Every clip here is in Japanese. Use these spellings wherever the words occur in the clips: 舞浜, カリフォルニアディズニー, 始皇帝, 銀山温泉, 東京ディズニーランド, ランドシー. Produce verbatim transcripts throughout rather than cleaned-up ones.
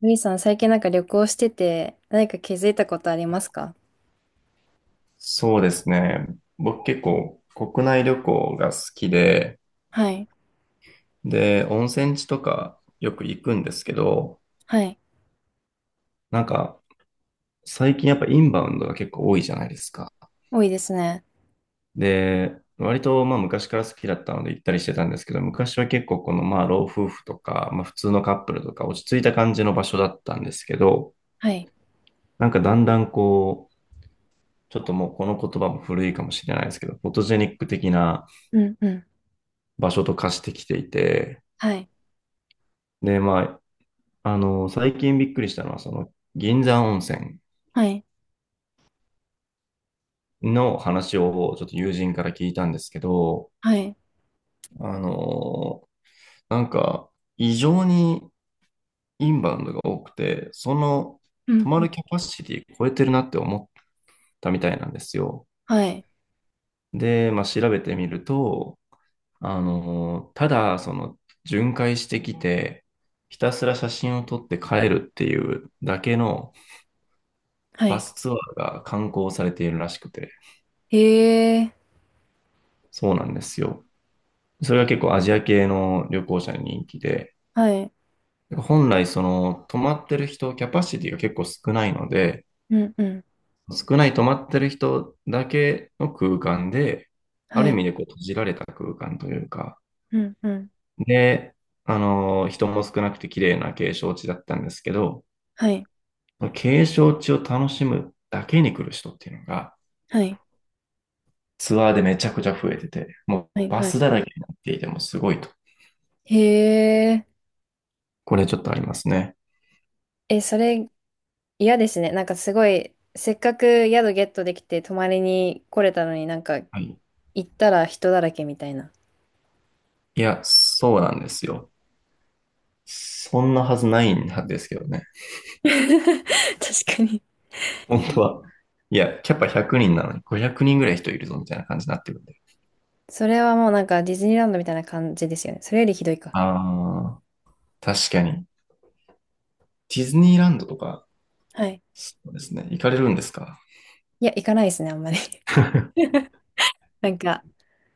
みーさん、最近なんか旅行してて、何か気づいたことありますか？そうですね。僕結構国内旅行が好きで、はい。で、温泉地とかよく行くんですけど、はい。なんか最近やっぱインバウンドが結構多いじゃないですか。多いですね。で、割とまあ昔から好きだったので行ったりしてたんですけど、昔は結構このまあ老夫婦とか、まあ普通のカップルとか落ち着いた感じの場所だったんですけど、はい。なんかだんだんこう、ちょっともうこの言葉も古いかもしれないですけど、フォトジェニック的なうん。うん。場所と化してきていて、はい。で、まあ、あの、最近びっくりしたのは、その、銀山温泉はい。の話をちょっと友人から聞いたんですけど、はい。あの、なんか、異常にインバウンドが多くて、その、う泊ん。まうん。るキャパシティ超えてるなって思ったみたいなんですよ。はい。で、まあ、調べてみると、あの、ただ、その、巡回してきて、ひたすら写真を撮って帰るっていうだけのはバい。スツアーが観光されているらしくて、へえ、そうなんですよ。それが結構アジア系の旅行者に人気で、はい。本来その泊まってる人、キャパシティが結構少ないので、うん。うん。少ない泊まってる人だけの空間で、あはる意い。味でこう閉じられた空間というか、うん。うん。で、あの、人も少なくて綺麗な景勝地だったんですけど、はい。景勝地を楽しむだけに来る人っていうのが、はい。ツアーでめちゃくちゃ増えてて、もはうい。バはい。スだらけになっていてもすごいと。へえ。これちょっとありますね。え、それ嫌ですね。なんかすごい、せっかく宿ゲットできて泊まりに来れたのになんかはい。行ったら人だらけみたいな。いや、そうなんですよ。そんなはずないんですけどね。確かに。本当は。いや、キャパひゃくにんなのにごひゃくにんぐらい人いるぞみたいな感じになってるんで。それはもうなんかディズニーランドみたいな感じですよね。それよりひどいか。ああ、確かに。ディズニーランドとか、はい。そうですね。行かれるんですか？ いや、行かないですね、あんまり。なんか、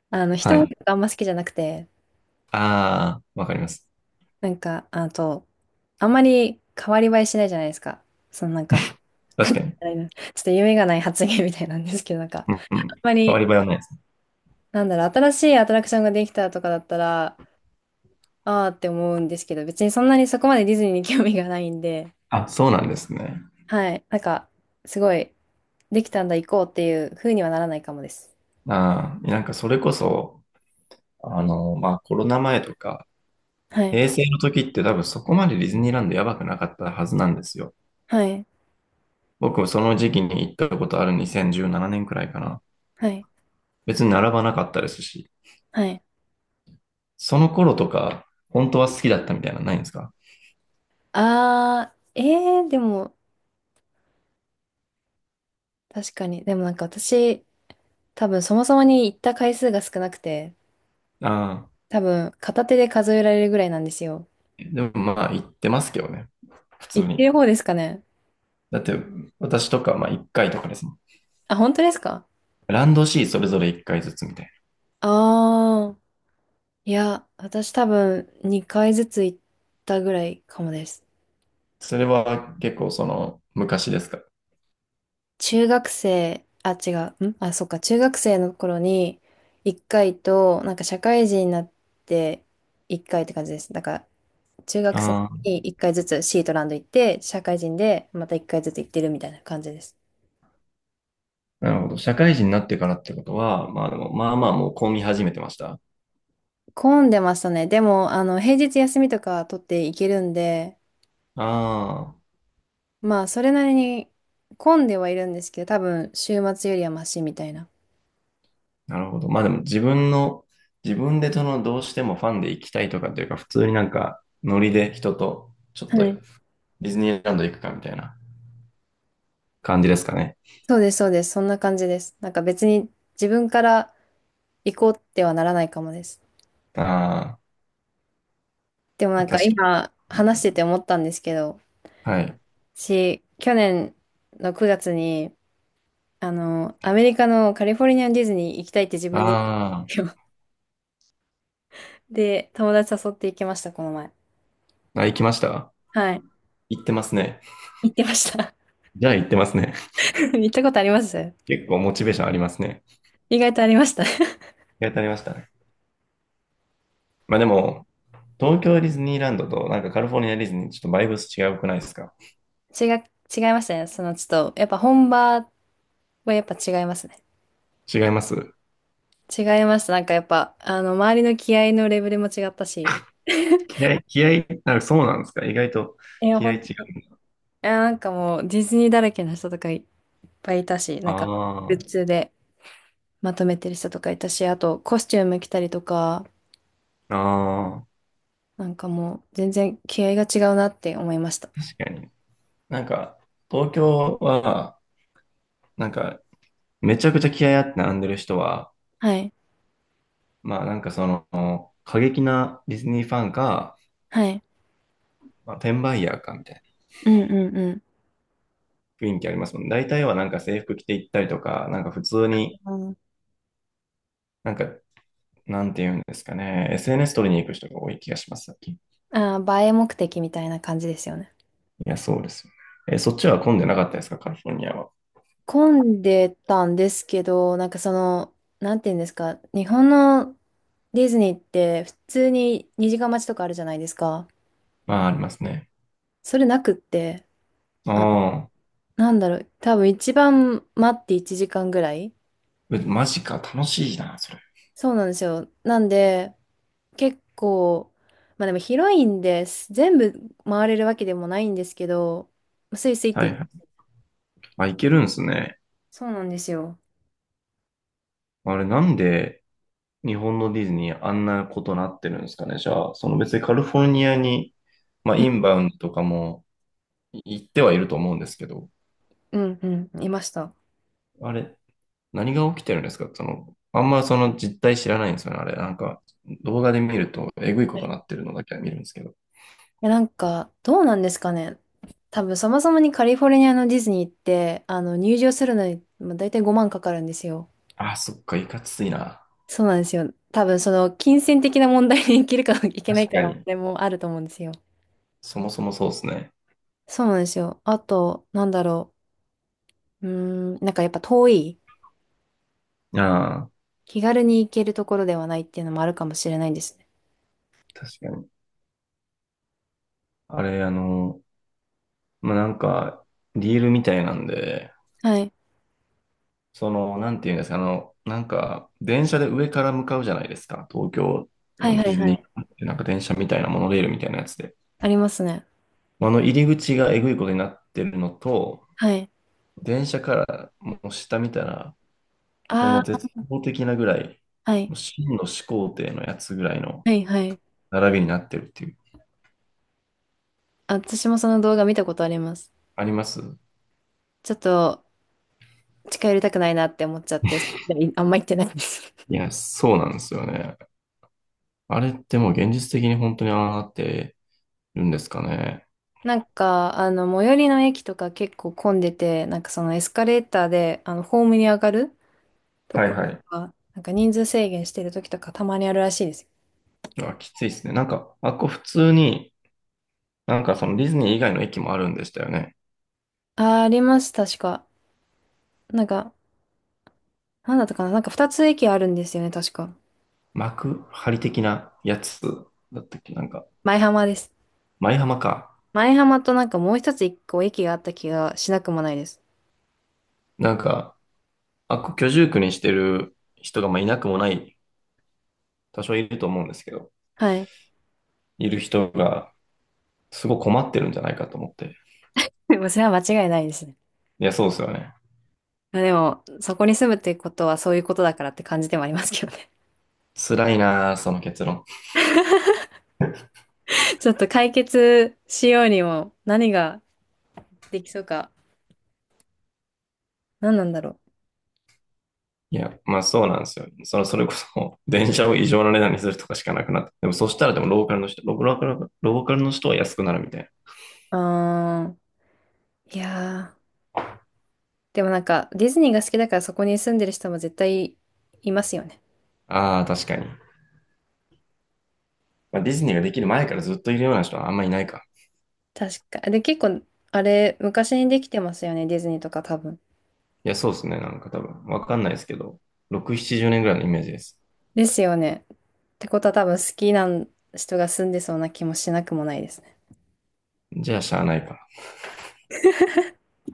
あの、は人多いとい。こあんま好きじゃなくて、ああ、わかります。なんか、あと、あんまり変わり映えしないじゃないですか。そのなんか、確かに。あれちょっと夢がない発言みたいなんですけど、なんか、うんうあんん。ま変わり、り映えはないですね。なんだろう、新しいアトラクションができたとかだったら、あーって思うんですけど、別にそんなにそこまでディズニーに興味がないんで、あ、そうなんですね。はい。なんか、すごい、できたんだ、行こうっていう風にはならないかもです。ああ、なんかそれこそ、あの、まあコロナ前とか、はい。平成の時って多分そこまでディズニーランドやばくなかったはずなんですよ。はい。僕もその時期に行ったことあるにせんじゅうななねんくらいかな。はい。別に並ばなかったですし、はい。その頃とか、本当は好きだったみたいなのないんですか？あー、えー、でも、確かに。でもなんか私、多分そもそもに行った回数が少なくて、ああ多分片手で数えられるぐらいなんですよ。ー。でもまあ行ってますけどね。普通行ってに。る方ですかね。だって私とかまあいっかいとかですもん。あ、本当ですか？ランドシーそれぞれいっかいずつみたいな。あー、いや、私多分にかいずつ行ったぐらいかもです。それは結構その昔ですか？中学生、あ、違う。んあ、そっか。中学生の頃にいっかいと、なんか社会人になっていっかいって感じです。だから、中学生あにいっかいずつシートランド行って、社会人でまたいっかいずつ行ってるみたいな感じです。あ、なるほど。社会人になってからってことは、まあでも、まあまあもう混み始めてました。混んでましたね。でも、あの、平日休みとか取っていけるんで、あ、まあ、それなりに混んではいるんですけど、多分、週末よりはマシみたいな。なるほど。まあでも自分の、自分でそのどうしてもファンで行きたいとかっていうか、普通になんかノリで人とちょっとはデい。ィズニーランド行くかみたいな感じですかね。そうです、そうです。そんな感じです。なんか別に自分から行こうってはならないかもです。あでもあ、なんか確か今に。話してて思ったんですけど、はい。私、去年のくがつにあの、アメリカのカリフォルニアのディズニー行きたいって自分で言ったんであすよ。で、友達誘って行きました、この前。ーあ、行きましたはい。行ってますね。行ってました。じゃあ行ってますね。行ったことあります？ 結構モチベーションありますね。意外とありました。やってありましたね。まあでも、東京ディズニーランドとなんかカリフォルニアディズニーちょっとバイブス違うくないですか？違う、違いましたね。その、ちょっと、やっぱ本場はやっぱ違いますね。違います？違いました。なんかやっぱ、あの、周りの気合のレベルも違ったし。気合い、気合い、あ、そうなんですか？意外といや、気合い本違当に。いう。や、なんかもう、ディズニーだらけの人とかいっぱいいたし、なんか、グあッズでまとめてる人とかいたし、あと、コスチューム着たりとか、あ、ああ。なんかもう全然気合が違うなって思いました。確かに。なんか、東京は、なんか、めちゃくちゃ気合いあって並んでる人は、はい。まあなんかその、過激なディズニーファンか、はい。まあ、転売ヤーかみたいうんうんうん。な雰囲気ありますもんね。大体はなんか制服着て行ったりとか、なんか普通に、あなんか、なんて言うんですかね、エスエヌエス 撮りに行く人が多い気がします、最近。いあ、映え目的みたいな感じですよね。や、そうですよね。え、そっちは混んでなかったですか、カリフォルニアは。混んでたんですけど、なんかその、なんていうんですか、日本のディズニーって普通ににじかん待ちとかあるじゃないですか。まあ、ありますね。それなくって、あ、ああ、なんだろう、多分一番待っていちじかんぐらい。えマジか、楽しいな、それ。そうなんですよ。なんで、結構、まあでも広いんです。全部回れるわけでもないんですけど、スイスイっはいて、はい。あ、行けるんですね。そうなんですよ。あれ、なんで、日本のディズニーあんなことなってるんですかね。じゃあ、その別にカリフォルニアに、まあ、うんインバウンドとかも行ってはいると思うんですけど、うんうん、いました。あれ、何が起きてるんですかその、あんまその実態知らないんですよね。あれ、なんか動画で見るとえぐいこはとい。なってるのだけは見るんですけど。え、なんか、どうなんですかね。多分、そもそもにカリフォルニアのディズニーって、あの、入場するのに、まあ、大体ごまんかかるんですよ。ああ、そっか、いかついな。そうなんですよ。多分、その、金銭的な問題にいけるか いけない確かかな、に。れもあると思うんですよ。そもそもそうですね。そうなんですよ。あと、なんだろう。うーん、なんかやっぱ遠い。ああ、気軽に行けるところではないっていうのもあるかもしれないですね。確かに。あれ、あの、まあ、なんか、ディールみたいなんで、はい。その、なんていうんですか、あの、なんか、電車で上から向かうじゃないですか。東京はいのはディいズはニい。ーってなんか電車みたいなモノレールみたいなやつで。ありますね。あの入り口がえぐいことになってるのと、はい。電車からもう下見たら、もうあ絶望的なぐらい、あ、はい。もう真の始皇帝のやつぐらいのはいはい。並びになってるっていう。あ、私もその動画見たことあります。あります？ちょっと近寄りたくないなって思っちゃって、それ以来あんま行ってないんです。い や、そうなんですよね。あれってもう現実的に本当にああなってるんですかね。なんか、あの、最寄りの駅とか結構混んでて、なんかそのエスカレーターで、あの、ホームに上がるとはいころとはい。か、なんか人数制限してる時とかたまにあるらしいです。あ、きついですね。なんか、あっこ普通に、なんかそのディズニー以外の駅もあるんでしたよね。あー、あります、確か。なんか、なんだったかな、なんかふたつ駅あるんですよね、確か。幕張的なやつだったっけなんか、前浜です。舞浜か。前浜となんかもう一つ一個駅があった気がしなくもないです。なんか、あっこ居住区にしてる人がまあいなくもない、多少いると思うんですけど、はい。いる人がすごい困ってるんじゃないかと思って。でもそれは間違いないですね。いや、そうですよね。まあでも、そこに住むってことはそういうことだからって感じでもありますけどね。辛いなあその結論。ちょっと解決しようにも何ができそうか。何なんだろいや、まあそうなんですよ。その、それこそ、電車を異常な値段にするとかしかなくなって。でもそしたらでもローカルの人、ローカル、ローカルの人は安くなるみたいう。あー、いやー。でもなんかディズニーが好きだからそこに住んでる人も絶対いますよね。な。ああ、確かに。まあ、ディズニーができる前からずっといるような人はあんまりいないか。確か。で、結構、あれ、昔にできてますよね。ディズニーとか多分。いや、そうですね。なんか多分、わかんないですけど、ろく、ななじゅうねんぐらいのイメージです。ですよね。ってことは多分好きな人が住んでそうな気もしなくもないですね。じゃあ、しゃあないか。